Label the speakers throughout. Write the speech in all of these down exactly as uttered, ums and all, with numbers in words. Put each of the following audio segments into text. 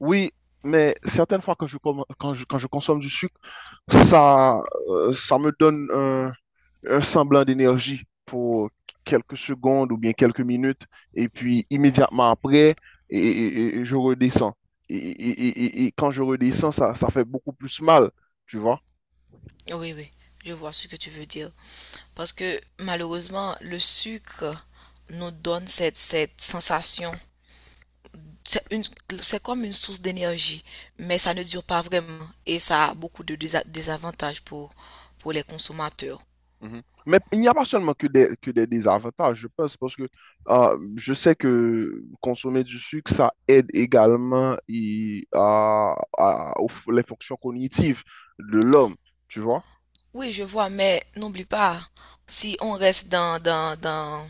Speaker 1: Oui, mais certaines fois quand je, com- quand je, quand je consomme du sucre, ça, euh, ça me donne un, un semblant d'énergie pour quelques secondes ou bien quelques minutes, et puis immédiatement après, et, et- et je redescends. Et, et- et- et- et quand je redescends, ça, ça fait beaucoup plus mal, tu vois?
Speaker 2: Oui, oui, je vois ce que tu veux dire. Parce que malheureusement, le sucre nous donne cette, cette sensation. C'est une, c'est comme une source d'énergie, mais ça ne dure pas vraiment et ça a beaucoup de désa- désavantages pour, pour les consommateurs.
Speaker 1: Mhm. Mais il n'y a pas seulement que des, que des désavantages, je pense, parce que euh, je sais que consommer du sucre, ça aide également et, à, à- aux f- les fonctions cognitives de l'homme, tu vois?
Speaker 2: Oui, je vois, mais n'oublie pas, si on reste dans, dans, dans,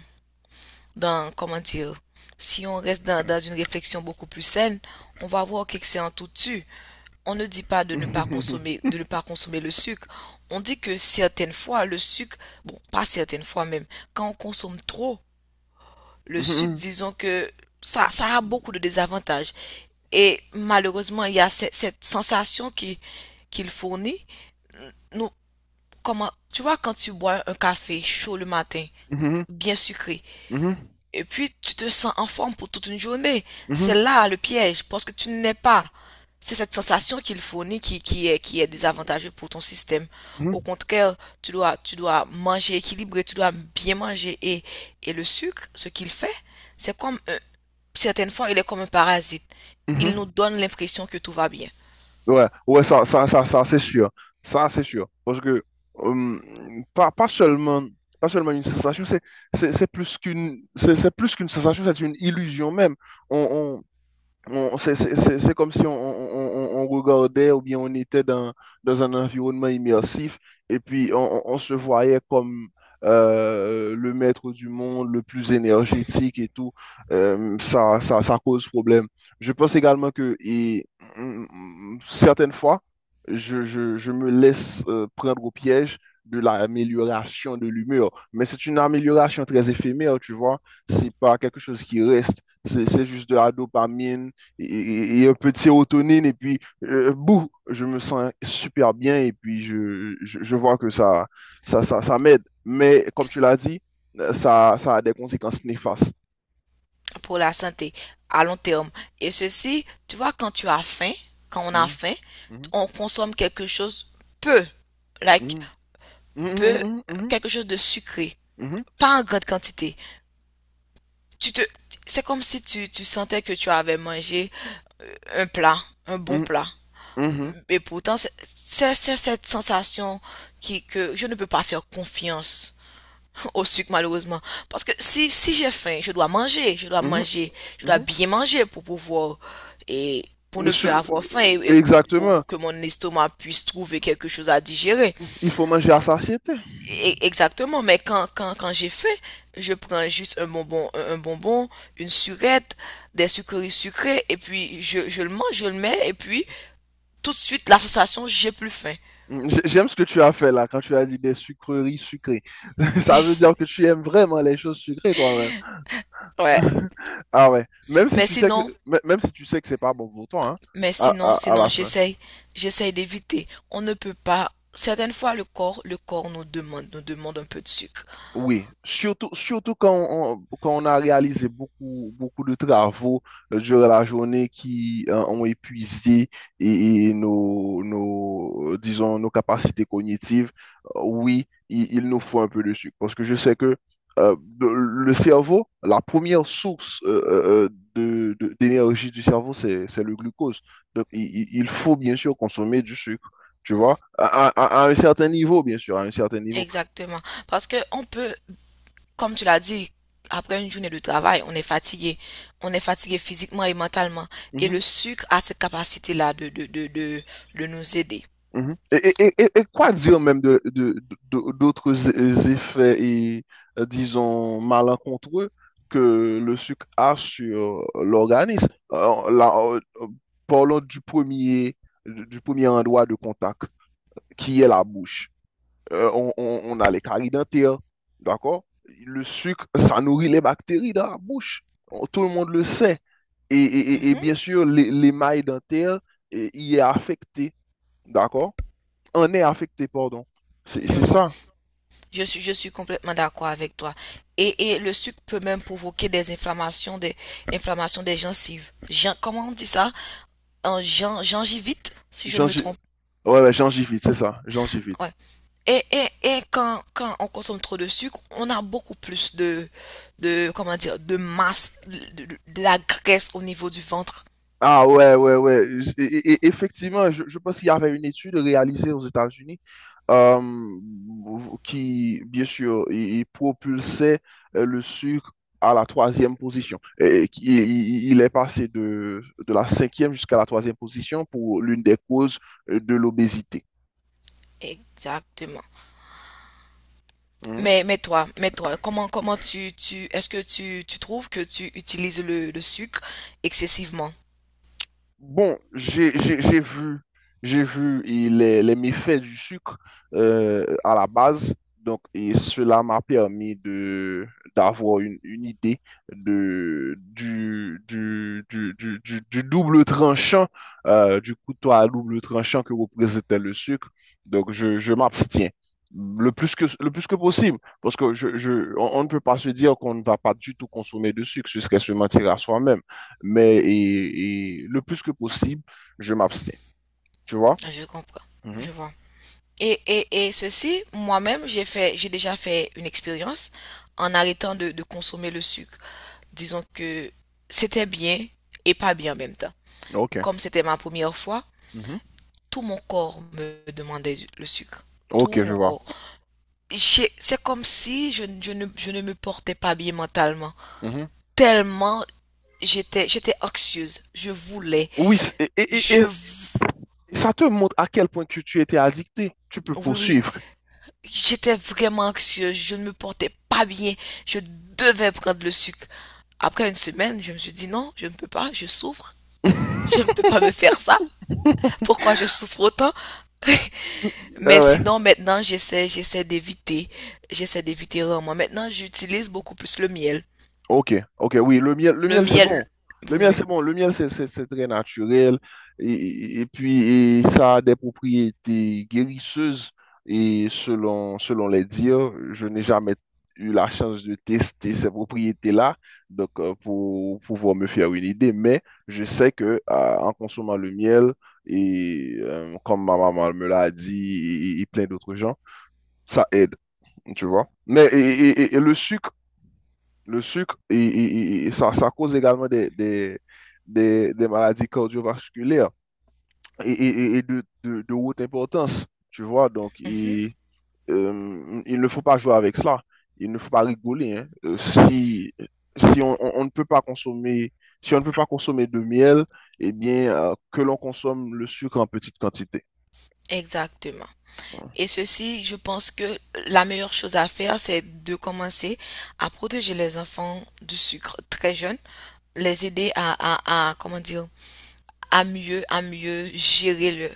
Speaker 2: dans, comment dire, si on reste dans, dans une réflexion beaucoup plus saine, on va voir qu'excès en tout tue. On ne dit pas de ne pas consommer, de ne pas consommer le sucre. On dit que certaines fois, le sucre, bon, pas certaines fois même, quand on consomme trop le sucre,
Speaker 1: Mhm,
Speaker 2: disons que ça, ça a beaucoup de désavantages. Et malheureusement, il y a cette, cette sensation qui, qu'il fournit. Nous, comment, tu vois, quand tu bois un café chaud le matin,
Speaker 1: mhm,
Speaker 2: bien sucré,
Speaker 1: mhm, mhm,
Speaker 2: et puis, tu te sens en forme pour toute une journée. C'est là le piège, parce que tu n'es pas. C'est cette sensation qu'il fournit qui, qui est, qui est désavantageuse pour ton système.
Speaker 1: mhm, mhm,
Speaker 2: Au
Speaker 1: mhm,
Speaker 2: contraire, tu dois, tu dois manger équilibré, tu dois bien manger. Et, et le sucre, ce qu'il fait, c'est comme, un- certaines fois, il est comme un parasite.
Speaker 1: mhm,
Speaker 2: Il nous
Speaker 1: mhm.
Speaker 2: donne l'impression que tout va bien.
Speaker 1: Ouais, ouais, ça, ça, ça, ça, c'est sûr. Ça, c'est sûr. Parce que hum, pas, pas seulement, pas seulement une sensation, c'est, c'est, c'est plus qu'une, c'est, c'est plus qu'une sensation, c'est une illusion même. On, on- C'est c'est- c'est- c'est comme si on, on- on- on regardait ou bien on était dans, dans un environnement immersif et puis on, on- on se voyait comme euh, le maître du monde, le plus
Speaker 2: Mhm.
Speaker 1: énergétique et tout. Euh, ça, ça, ça cause problème. Je pense également que et, mm, mm, certaines fois, je, je- je me laisse euh, prendre au piège de l'amélioration de l'humeur. Mais c'est une amélioration très éphémère, tu vois. C'est pas quelque chose qui reste. C'est c'est juste de la dopamine et, et un peu de sérotonine, et puis, euh, bouh, je me sens super bien, et puis je, je, je vois que ça, ça, ça, ça m'aide. Mais comme tu l'as dit, euh, ça, ça a des conséquences néfastes.
Speaker 2: Pour la santé, à long terme. Et ceci, tu vois, quand tu as faim, quand on a
Speaker 1: Mhm,
Speaker 2: faim,
Speaker 1: mhm,
Speaker 2: on consomme quelque chose peu. Like,
Speaker 1: mhm,
Speaker 2: peu
Speaker 1: mhm,
Speaker 2: quelque chose de sucré,
Speaker 1: mhm,
Speaker 2: pas en grande quantité. Tu te, c'est comme si tu, tu sentais que tu avais mangé euh, un plat, un bon
Speaker 1: mhm,
Speaker 2: plat.
Speaker 1: mhm, mhm,
Speaker 2: Et pourtant, c'est c'est- c'est cette sensation qui, que je ne peux pas faire confiance au sucre, malheureusement. Parce que si, si j'ai faim, je dois manger, je dois
Speaker 1: mhm, mhm,
Speaker 2: manger, je dois
Speaker 1: mhm.
Speaker 2: bien manger pour pouvoir, et pour ne plus
Speaker 1: Monsieur-
Speaker 2: avoir faim et, et pour,
Speaker 1: Exactement.
Speaker 2: pour que mon estomac puisse trouver quelque chose à digérer.
Speaker 1: Il faut manger à satiété.
Speaker 2: E- Exactement, mais quand, quand, quand j'ai faim, je prends juste un bonbon, un un bonbon, une surette, des sucreries sucrées, et puis je, je le mange, je le mets, et puis tout de suite, la sensation, j'ai plus faim.
Speaker 1: J- J'aime ce que tu as fait là, quand tu as dit des sucreries sucrées. Ça veut dire que tu aimes vraiment les choses sucrées toi-même.
Speaker 2: Ouais.
Speaker 1: Ah ouais, même si
Speaker 2: Mais
Speaker 1: tu sais que,
Speaker 2: sinon,
Speaker 1: mê- même si tu sais que c'est pas bon pour toi, hein,
Speaker 2: mais
Speaker 1: à,
Speaker 2: sinon,
Speaker 1: à, à
Speaker 2: sinon,
Speaker 1: la fin.
Speaker 2: j'essaye, j'essaye d'éviter. On ne peut pas. Certaines fois, le corps, le corps nous demande, nous demande un peu de sucre.
Speaker 1: Oui, surtout, surtout quand on, quand on a réalisé beaucoup, beaucoup de travaux euh, durant la journée qui euh, ont épuisé et, et nos, nos, euh, disons, nos capacités cognitives, euh, oui, il, il nous faut un peu de sucre. Parce que je sais que euh, de- le cerveau, la première source euh, euh, euh, de, de- d'énergie du cerveau, c'est, c'est le glucose. Donc, il, il- il faut bien sûr consommer du sucre, tu vois, à, à- à un certain niveau, bien sûr, à un certain niveau.
Speaker 2: Exactement. Parce que on peut, comme tu l'as dit, après une journée de travail, on est fatigué. On est fatigué physiquement et mentalement. Et le sucre a cette capacité-là de, de, de, de, de nous aider.
Speaker 1: Mhm. Et, et- et- et quoi dire même de, de- de- d'autres é- effets et, euh, disons, malencontreux que le sucre a sur euh, l'organisme? Euh, là, euh, euh, parlons du premier, du premier endroit de contact, qui est la bouche. Euh, on, on- on a les caries dentaires, d'accord? Le sucre, ça nourrit les bactéries dans la bouche. On- Tout le monde le sait. Et, et- et- et
Speaker 2: Mhm,
Speaker 1: bien sûr, les- l'émail dentaire eh, y est affecté, d'accord? On est affecté, pardon. C'est
Speaker 2: je
Speaker 1: c'est
Speaker 2: vois.
Speaker 1: ça.
Speaker 2: Je suis, je suis complètement d'accord avec toi. Et, et le sucre peut même provoquer des inflammations des, inflammations des gencives. Gen- comment on dit ça? Un gen- gingivite, si je ne me
Speaker 1: Gingi-
Speaker 2: trompe.
Speaker 1: Ouais, ouais, gingivite, c'est ça, gingivite.
Speaker 2: Ouais. Et, et, et quand, quand on consomme trop de sucre, on a beaucoup plus de, de comment dire, de masse, de, de- de la graisse au niveau du ventre.
Speaker 1: Ah ouais, ouais, ouais. J- Et, et- effectivement, je, je pense qu'il y avait une étude réalisée aux États-Unis, euh, qui, bien sûr, il, il propulsait euh, le sucre à la troisième position. Et, qui- il, il est passé de, de la cinquième jusqu'à la troisième position pour l'une des causes euh, de l'obésité.
Speaker 2: Exactement.
Speaker 1: Hein?
Speaker 2: Mais, mais toi, mais toi, comment, comment tu, tu, est-ce que tu, tu trouves que tu utilises le, le sucre excessivement?
Speaker 1: Bon, j'ai j'ai- j'ai vu, j'ai vu et les, les méfaits du sucre euh, à la base. Donc, et cela m'a permis de d'avoir une, une idée de, du, du, du, du, du- du double tranchant, euh, du couteau à double tranchant que représentait le sucre. Donc, je, je m'abstiens le plus que, le plus que possible, parce que je, je, on, on ne peut pas se dire qu'on ne va pas du tout consommer de sucre, ce serait se mentir à soi-même, mais et, et le plus que possible, je m'abstiens. Tu vois?
Speaker 2: Je comprends.
Speaker 1: Mhm.
Speaker 2: Je vois. Et, et, et ceci, moi-même, j'ai fait, j'ai déjà fait une expérience en arrêtant de, de consommer le sucre. Disons que c'était bien et pas bien en même temps.
Speaker 1: Ok.
Speaker 2: Comme c'était ma première fois,
Speaker 1: Mhm.
Speaker 2: tout mon corps me demandait le sucre. Tout
Speaker 1: Ok, je
Speaker 2: mon
Speaker 1: vois.
Speaker 2: corps. C'est comme si je, je ne, je ne me portais pas bien mentalement.
Speaker 1: Mhm.
Speaker 2: Tellement j'étais, j'étais anxieuse. Je voulais.
Speaker 1: Oui, c- et, et-
Speaker 2: Je,
Speaker 1: et- et ça te montre à quel point que tu étais addicté. Tu peux
Speaker 2: oui, oui.
Speaker 1: poursuivre.
Speaker 2: J'étais vraiment anxieuse. Je ne me portais pas bien. Je devais prendre le sucre. Après une semaine, je me suis dit non, je ne peux pas. Je souffre. Je ne peux pas me faire ça. Pourquoi je souffre autant?
Speaker 1: Ah
Speaker 2: Mais
Speaker 1: ouais.
Speaker 2: sinon, maintenant, j'essaie, j'essaie d'éviter, j'essaie d'éviter rarement. Maintenant, j'utilise beaucoup plus le miel.
Speaker 1: Ok, ok, oui, le miel, le
Speaker 2: Le
Speaker 1: miel c'est
Speaker 2: miel,
Speaker 1: bon. Le
Speaker 2: oui,
Speaker 1: miel
Speaker 2: oui.
Speaker 1: c'est bon, le miel c'est c'est- c'est très naturel et, et- et puis et ça a des propriétés guérisseuses et selon, selon les dires, je n'ai jamais eu la chance de tester ces propriétés-là donc euh, pour pouvoir me faire une idée, mais je sais que euh, en consommant le miel et euh, comme ma maman me l'a dit et, et- et plein d'autres gens, ça aide, tu vois. Mais et et- et- et le sucre, le sucre, il- il- il- ça, ça cause également des, des, des, des maladies cardiovasculaires et, et- et de, de, de haute importance, tu vois. Donc,
Speaker 2: Mhm,
Speaker 1: il, euh, il ne faut pas jouer avec cela. Il ne faut pas rigoler, hein. Euh, Si, si on, on- on ne peut pas consommer, si on ne peut pas consommer de miel, eh bien, euh, que l'on consomme le sucre en petite quantité.
Speaker 2: exactement. Et ceci, je pense que la meilleure chose à faire, c'est de commencer à protéger les enfants du sucre très jeunes, les aider à, à, à, comment dire, à mieux, à mieux gérer le,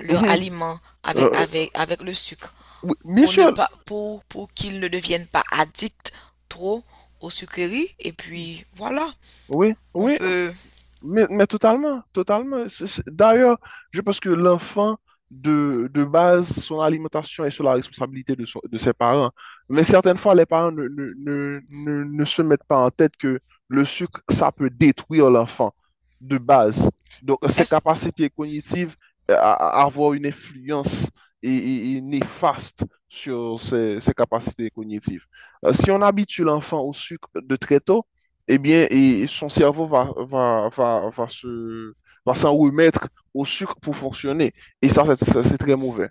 Speaker 2: leur aliment avec,
Speaker 1: Euh,
Speaker 2: avec, avec le sucre
Speaker 1: oui, bien
Speaker 2: pour ne
Speaker 1: sûr,
Speaker 2: pas pour, pour qu'ils ne deviennent pas addicts trop aux sucreries et puis voilà
Speaker 1: oui,
Speaker 2: on
Speaker 1: oui.
Speaker 2: peut
Speaker 1: Mais, mais totalement, totalement. C'est- c'est- D'ailleurs, je pense que l'enfant, de, de base, son alimentation est sur la responsabilité de, son- de ses parents. Mais certaines fois, les parents ne, ne, ne, ne- ne se mettent pas en tête que le sucre, ça peut détruire l'enfant de base. Donc, ses
Speaker 2: est-ce
Speaker 1: capacités cognitives euh, à, à avoir une influence et, et- et néfaste sur ses, ses capacités cognitives. Euh, si on habitue l'enfant au sucre de très tôt, eh bien, et son cerveau va, va, va, va se, va s'en remettre au sucre pour fonctionner. Et ça, c'est ça, c'est très mauvais.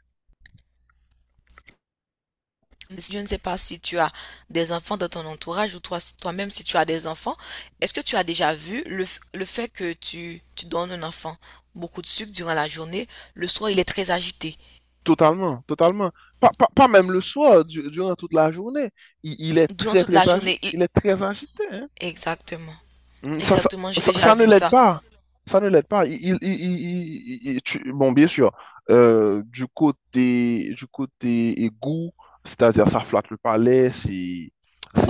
Speaker 2: je ne sais pas si tu as des enfants dans ton entourage ou toi toi-même si tu as des enfants, est-ce que tu as déjà vu le, le fait que tu tu donnes un enfant beaucoup de sucre durant la journée, le soir il est très agité
Speaker 1: Totalement, totalement. Pas, pas, pas même le soir, du- durant toute la journée. Il, il est
Speaker 2: durant
Speaker 1: très,
Speaker 2: toute
Speaker 1: très,
Speaker 2: la
Speaker 1: agi-
Speaker 2: journée il-
Speaker 1: il est très agité, hein.
Speaker 2: Exactement,
Speaker 1: Mm, Ça, ça,
Speaker 2: exactement, j'ai
Speaker 1: ça,
Speaker 2: déjà
Speaker 1: Ça ne
Speaker 2: vu
Speaker 1: l'aide
Speaker 2: ça.
Speaker 1: pas. Ça ne l'aide pas. Il, il- il- il- il- il- tu- bon, bien sûr, euh, du côté, du côté égout, c'est-à-dire ça flatte le palais, c'est,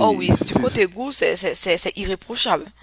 Speaker 2: Oh oui, du
Speaker 1: c'est- c'est-
Speaker 2: côté goût c'est c'est c'est- c'est irréprochable.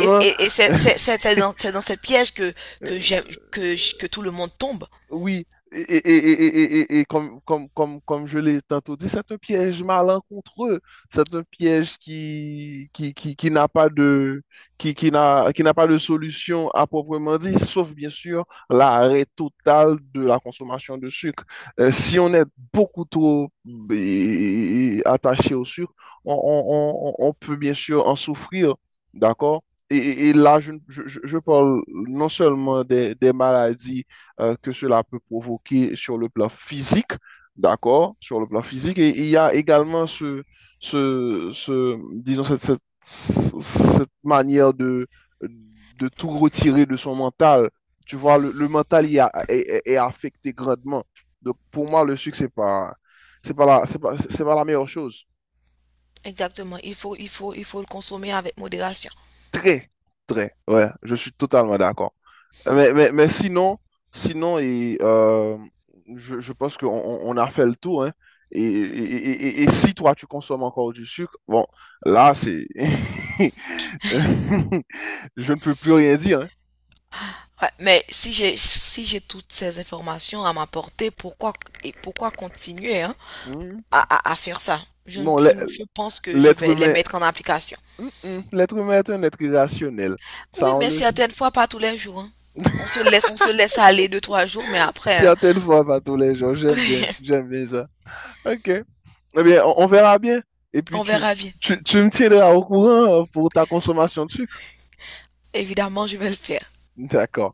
Speaker 2: Et, et, et c'est, c'est, c'est, c'est dans, c'est dans cette piège que, que, j'aime- que, j- que tout le monde tombe.
Speaker 1: Oui, et, et- et- et- et- et- et comme, comme, comme, comme je l'ai tantôt dit, c'est un piège malencontreux. C'est un piège qui, qui, qui, qui n'a pas de, qui, qui n'a, qui n'a pas de solution à proprement dit, sauf bien sûr l'arrêt total de la consommation de sucre. Euh, si on est beaucoup trop eh, attaché au sucre, on, on- on- on peut bien sûr en souffrir, d'accord? Et, et- et là, je, je, je- je parle non seulement des des maladies, euh, que cela peut provoquer sur le plan physique, d'accord, sur le plan physique. Et il y a également ce, ce, ce, disons, cette, cette, cette manière de, de tout retirer de son mental. Tu vois, le, le mental il a- est, est- est affecté grandement. Donc, pour moi, le sucre, c'est pas, c'est pas la, c'est pas, c'est pas la meilleure chose.
Speaker 2: Exactement. Il faut, il faut, il faut le consommer avec modération.
Speaker 1: Très, très, ouais, je suis totalement d'accord. Mais, mais, mais sinon, sinon et, euh, je, je pense qu'on on- on a fait le tour, hein. Et, et- et- et- et si toi, tu consommes encore du sucre, bon, là, c'est... Je ne peux plus rien dire, hein.
Speaker 2: Ouais, mais si j'ai, si j'ai toutes ces informations à m'apporter, pourquoi, et pourquoi continuer, hein,
Speaker 1: Hmm.
Speaker 2: à, à, à faire ça? Je, ne-
Speaker 1: Non,
Speaker 2: je,
Speaker 1: l'e-
Speaker 2: ne- Je pense que je
Speaker 1: L'être
Speaker 2: vais les
Speaker 1: humain...
Speaker 2: mettre en application.
Speaker 1: Hmm, hmm. L'être humain est un être irrationnel.
Speaker 2: Oui,
Speaker 1: Ça, on
Speaker 2: mais
Speaker 1: le sait.
Speaker 2: certaines fois, pas tous les jours, hein. On se laisse, on se laisse aller deux, trois jours, mais après, hein,
Speaker 1: Certaines fois, pas tous les jours. J'aime bien, j'aime bien ça. OK. Eh bien, on, on verra bien. Et puis,
Speaker 2: on
Speaker 1: tu,
Speaker 2: verra bien.
Speaker 1: tu, tu me tiendras au courant pour ta consommation de sucre.
Speaker 2: Évidemment, je vais le faire.
Speaker 1: D'accord.